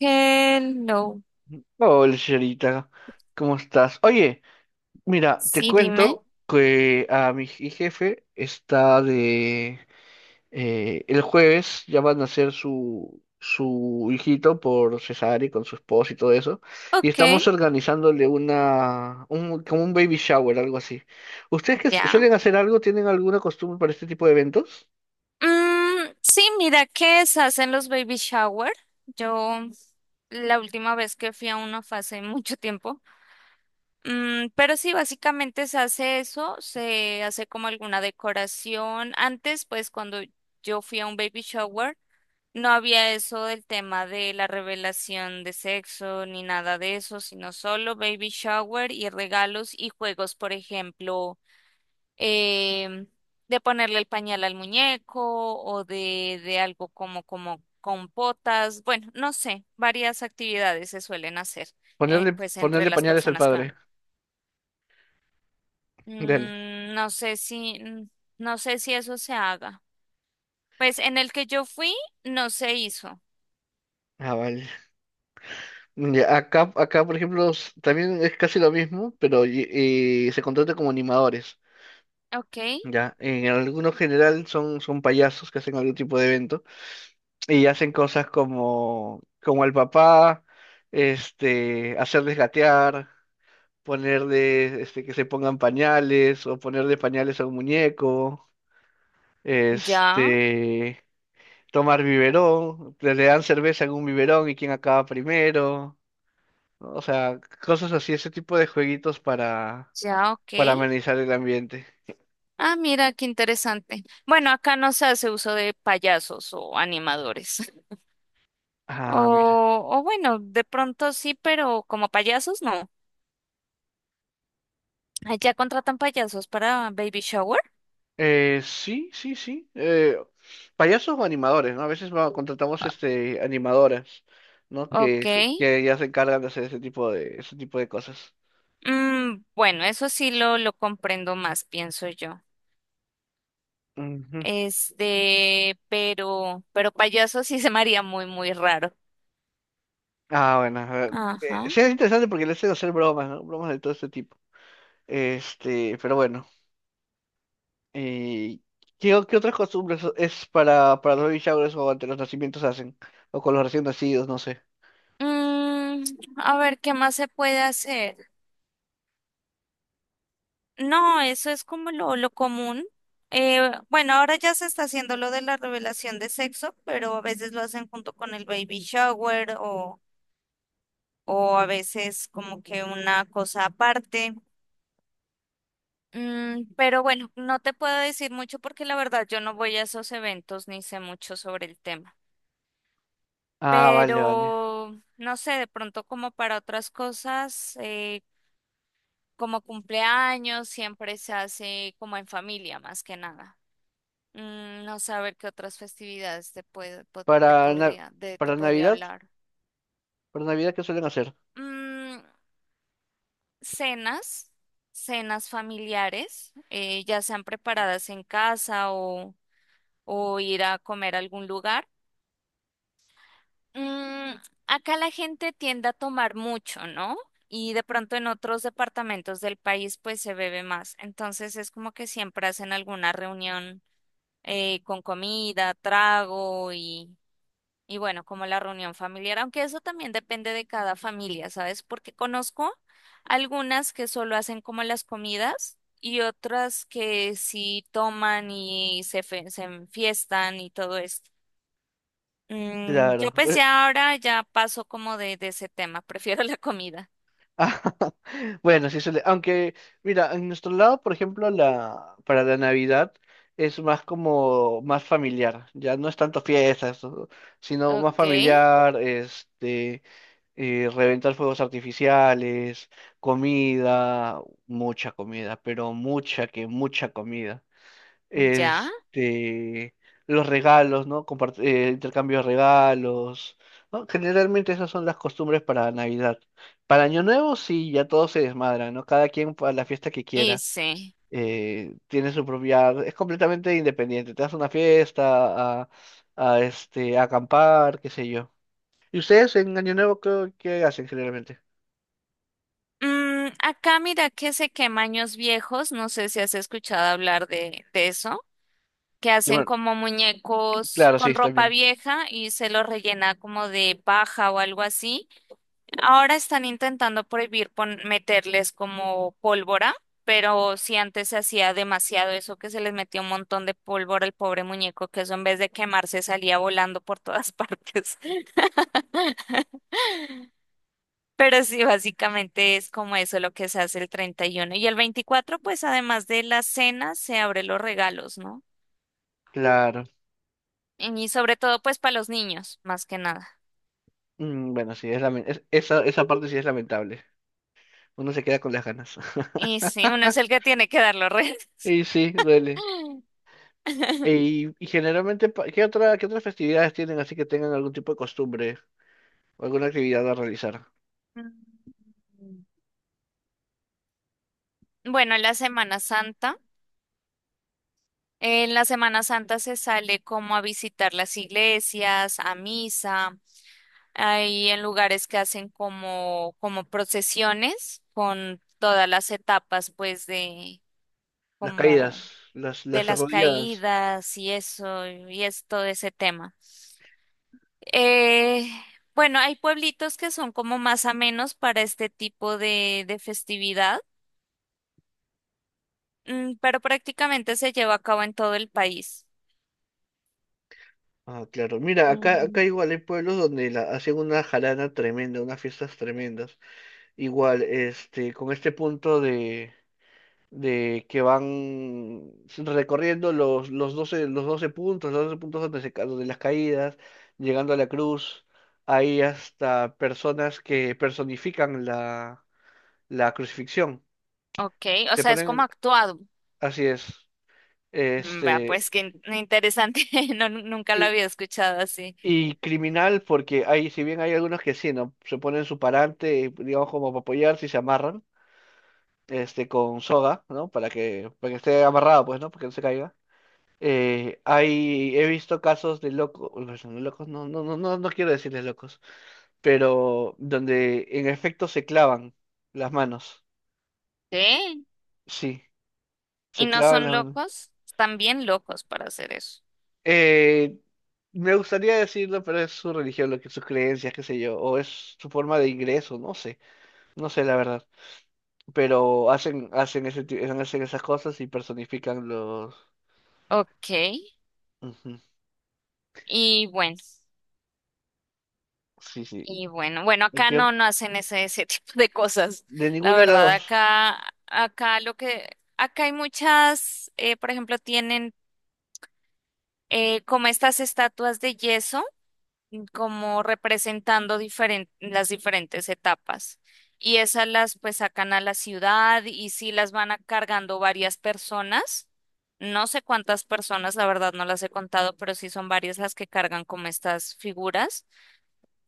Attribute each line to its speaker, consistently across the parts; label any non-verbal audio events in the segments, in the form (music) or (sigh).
Speaker 1: Hello.
Speaker 2: Hola, señorita, ¿cómo estás? Oye, mira, te
Speaker 1: Sí, dime.
Speaker 2: cuento que a mi jefe está de... el jueves ya van a hacer su hijito por cesárea y con su esposa y todo eso, y estamos
Speaker 1: Ok,
Speaker 2: organizándole una... Un, como un baby shower, algo así. ¿Ustedes que
Speaker 1: ya.
Speaker 2: suelen hacer algo, tienen alguna costumbre para este tipo de eventos?
Speaker 1: Sí, mira que se hacen los baby shower. Yo la última vez que fui a uno fue hace (laughs) mucho tiempo. Pero sí, básicamente se hace eso, se hace como alguna decoración. Antes, pues cuando yo fui a un baby shower, no había eso del tema de la revelación de sexo ni nada de eso, sino solo baby shower y regalos y juegos, por ejemplo. eh, de ponerle el pañal al muñeco o de algo como, como compotas, bueno, no sé, varias actividades se suelen hacer,
Speaker 2: Ponerle,
Speaker 1: pues entre
Speaker 2: ponerle
Speaker 1: las
Speaker 2: pañales al
Speaker 1: personas que van.
Speaker 2: padre. Dale.
Speaker 1: Mm, no sé si, no sé si eso se haga. Pues en el que yo fui no se hizo.
Speaker 2: Ah, vale. Mm, ya, acá, por ejemplo, también es casi lo mismo, pero se contrata como animadores.
Speaker 1: Ok,
Speaker 2: Ya, en algunos general son payasos que hacen algún tipo de evento y hacen cosas como, como al papá, este, hacerles gatear, ponerle, este, que se pongan pañales o ponerle pañales a un muñeco,
Speaker 1: ya,
Speaker 2: este, tomar biberón, le dan cerveza en un biberón y quién acaba primero, ¿no? O sea, cosas así, ese tipo de jueguitos
Speaker 1: ya, ok.
Speaker 2: para amenizar el ambiente.
Speaker 1: Ah, mira, qué interesante. Bueno, acá no se hace uso de payasos o animadores. O,
Speaker 2: Ah, mira.
Speaker 1: o bueno, de pronto sí, pero como payasos no. Allá contratan payasos para baby shower.
Speaker 2: Sí, sí, sí. Payasos o animadores, ¿no? A veces contratamos
Speaker 1: Ah.
Speaker 2: este animadoras, ¿no? Que,
Speaker 1: Ok.
Speaker 2: que ya se encargan de hacer ese tipo de cosas.
Speaker 1: Bueno, eso sí lo comprendo más, pienso yo.
Speaker 2: Ujú.
Speaker 1: Este, pero payasos sí se me haría muy, muy raro.
Speaker 2: Ah, bueno, a ver.
Speaker 1: Ajá.
Speaker 2: Sí, es interesante porque le hacen hacer bromas, ¿no? Bromas de todo este tipo. Este, pero bueno. Eh, ¿Qué, qué otras costumbres es para los baby showers o ante los nacimientos hacen? O con los recién nacidos, no sé.
Speaker 1: Mm, a ver, ¿qué más se puede hacer? No, eso es como lo común. Bueno, ahora ya se está haciendo lo de la revelación de sexo, pero a veces lo hacen junto con el baby shower o a veces como que una cosa aparte. Pero bueno, no te puedo decir mucho porque la verdad yo no voy a esos eventos ni sé mucho sobre el tema.
Speaker 2: Ah, vale, vale.
Speaker 1: Pero no sé, de pronto como para otras cosas, como cumpleaños, siempre se hace como en familia más que nada. No saber qué otras festividades te puede, te
Speaker 2: Para,
Speaker 1: podría, te
Speaker 2: para
Speaker 1: podría
Speaker 2: Navidad,
Speaker 1: hablar.
Speaker 2: para Navidad, ¿qué suelen hacer?
Speaker 1: Mm, cenas, cenas familiares, ya sean preparadas en casa o ir a comer a algún lugar. Mm, acá la gente tiende a tomar mucho, ¿no? Y de pronto en otros departamentos del país pues se bebe más. Entonces es como que siempre hacen alguna reunión, con comida, trago y bueno, como la reunión familiar, aunque eso también depende de cada familia, ¿sabes? Porque conozco algunas que solo hacen como las comidas y otras que sí toman y se enfiestan y todo esto. Yo
Speaker 2: Claro.
Speaker 1: pues ya ahora ya paso como de ese tema, (laughs) prefiero la comida.
Speaker 2: (laughs) Ah, bueno, sí suele. Aunque, mira, en nuestro lado, por ejemplo, la para la Navidad es más como más familiar. Ya no es tanto fiestas, sino más
Speaker 1: Ok,
Speaker 2: familiar, este, reventar fuegos artificiales, comida, mucha comida, pero mucha que mucha comida,
Speaker 1: ya,
Speaker 2: este, los regalos, ¿no? Intercambio de regalos, ¿no? Generalmente esas son las costumbres para Navidad. Para Año Nuevo sí, ya todo se desmadra, ¿no? Cada quien para la fiesta que quiera.
Speaker 1: hice.
Speaker 2: Tiene su propia, es completamente independiente. Te das una fiesta, este, a acampar, qué sé yo. ¿Y ustedes en Año Nuevo qué, qué hacen generalmente?
Speaker 1: Mm, acá mira que se quema años viejos, no sé si has escuchado hablar de eso. Que
Speaker 2: Que
Speaker 1: hacen
Speaker 2: bueno,
Speaker 1: como muñecos
Speaker 2: claro,
Speaker 1: con
Speaker 2: sí,
Speaker 1: ropa
Speaker 2: también.
Speaker 1: vieja y se los rellena como de paja o algo así. Ahora están intentando prohibir meterles como pólvora, pero si antes se hacía demasiado eso que se les metía un montón de pólvora al pobre muñeco, que eso en vez de quemarse salía volando por todas (laughs) partes. Pero sí, básicamente es como eso lo que se hace el 31 y el 24. Pues además de la cena, se abre los regalos, ¿no?
Speaker 2: Claro.
Speaker 1: Y sobre todo pues para los niños, más que nada.
Speaker 2: Mm, bueno, sí, es esa, esa parte sí es lamentable. Uno se queda con las ganas. (laughs)
Speaker 1: Y sí, uno es el que tiene que dar los regalos.
Speaker 2: Y sí, duele.
Speaker 1: (laughs)
Speaker 2: Y generalmente, ¿qué otra, qué otras festividades tienen así que tengan algún tipo de costumbre o alguna actividad a realizar?
Speaker 1: Bueno, la Semana Santa. En la Semana Santa se sale como a visitar las iglesias, a misa, hay en lugares que hacen como, como procesiones con todas las etapas, pues, de
Speaker 2: Las
Speaker 1: como
Speaker 2: caídas,
Speaker 1: de
Speaker 2: las
Speaker 1: las
Speaker 2: arrodilladas.
Speaker 1: caídas y eso, y es todo ese tema. Eh, bueno, hay pueblitos que son como más amenos para este tipo de festividad. Pero prácticamente se lleva a cabo en todo el país.
Speaker 2: Ah, claro. Mira, acá
Speaker 1: Mm.
Speaker 2: igual hay pueblos donde la, hacen una jarana tremenda, unas fiestas tremendas. Igual, este, con este punto de que van recorriendo los, los 12 puntos, los 12 puntos donde donde las caídas, llegando a la cruz. Hay hasta personas que personifican la, la crucifixión.
Speaker 1: Ok, o
Speaker 2: Se
Speaker 1: sea, es como
Speaker 2: ponen,
Speaker 1: actuado.
Speaker 2: así es,
Speaker 1: Mm, vea,
Speaker 2: este,
Speaker 1: pues qué interesante. (laughs) No, nunca lo
Speaker 2: y,
Speaker 1: había escuchado así.
Speaker 2: y criminal porque hay, si bien hay algunos que sí, ¿no? Se ponen su parante, digamos, como para apoyarse y se amarran, este, con soga, ¿no? Para que esté amarrado, pues, ¿no? Para que no se caiga. Hay, he visto casos de locos, locos, no, no, no, no, no quiero decirles locos, pero donde en efecto se clavan las manos.
Speaker 1: ¿Qué?
Speaker 2: Sí,
Speaker 1: ¿Y
Speaker 2: se
Speaker 1: no
Speaker 2: clavan
Speaker 1: son
Speaker 2: las manos.
Speaker 1: locos? Están bien locos para hacer eso.
Speaker 2: Eh, me gustaría decirlo, pero es su religión, lo que sus creencias, qué sé yo, o es su forma de ingreso, no sé, no sé la verdad. Pero hacen, hacen ese, hacen esas cosas y personifican los.
Speaker 1: Ok,
Speaker 2: Ujú,
Speaker 1: y bueno,
Speaker 2: sí, sí.
Speaker 1: bueno,
Speaker 2: Y
Speaker 1: acá no, no hacen ese (laughs) tipo de cosas.
Speaker 2: de
Speaker 1: La
Speaker 2: ninguna de las
Speaker 1: verdad,
Speaker 2: dos.
Speaker 1: acá, acá lo que, acá hay muchas, por ejemplo, tienen, como estas estatuas de yeso como representando las diferentes etapas. Y esas las pues sacan a la ciudad y sí las van a cargando varias personas. No sé cuántas personas, la verdad no las he contado, pero sí son varias las que cargan como estas figuras.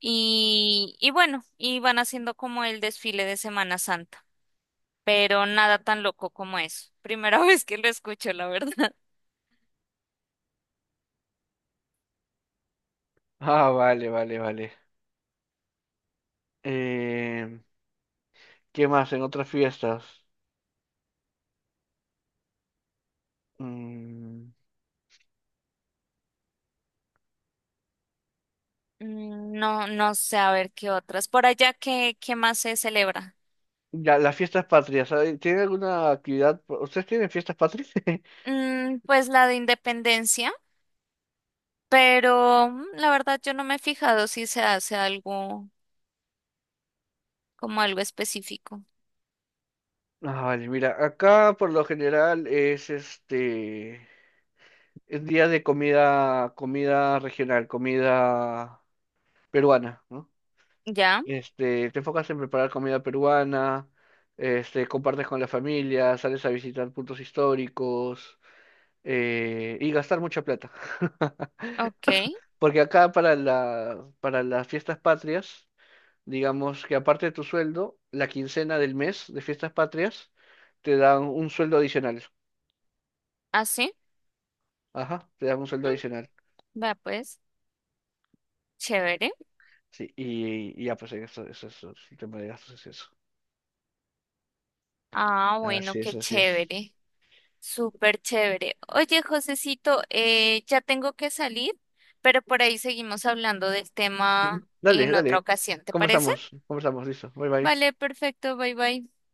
Speaker 1: Y bueno, y van haciendo como el desfile de Semana Santa, pero nada tan loco como eso. Primera (laughs) vez que lo escucho, la verdad.
Speaker 2: Ah, vale, vale, vale. Eh, ¿qué más en otras fiestas? Mm,
Speaker 1: Mm, no, no sé, a ver qué otras. Por allá, ¿qué, qué más se celebra?
Speaker 2: ya, las fiestas patrias. ¿Tienen alguna actividad? ¿Ustedes tienen fiestas patrias? (laughs)
Speaker 1: Mm, pues la de independencia, pero mm, la verdad yo no me he fijado si se hace algo como algo específico.
Speaker 2: Ah, vale, mira, acá por lo general es este, es día de comida, comida regional, comida peruana, ¿no?
Speaker 1: Ya,
Speaker 2: Este, te enfocas en preparar comida peruana, este, compartes con la familia, sales a visitar puntos históricos, y gastar mucha plata. (laughs)
Speaker 1: ok,
Speaker 2: Porque acá para la, para las fiestas patrias, digamos que aparte de tu sueldo, la quincena del mes de fiestas patrias te dan un sueldo adicional.
Speaker 1: así.
Speaker 2: Ajá, te dan un sueldo
Speaker 1: Mm,
Speaker 2: adicional.
Speaker 1: vea pues, chévere.
Speaker 2: Sí, y ya pues eso, el tema de gastos es eso.
Speaker 1: Ah, bueno,
Speaker 2: Así es,
Speaker 1: qué
Speaker 2: así es.
Speaker 1: chévere. Súper chévere. Oye, Josecito, ya tengo que salir, pero por ahí seguimos hablando del tema
Speaker 2: Dale,
Speaker 1: en otra
Speaker 2: dale.
Speaker 1: ocasión, ¿te parece?
Speaker 2: Conversamos, conversamos, listo. Bye bye.
Speaker 1: Vale, perfecto, bye bye.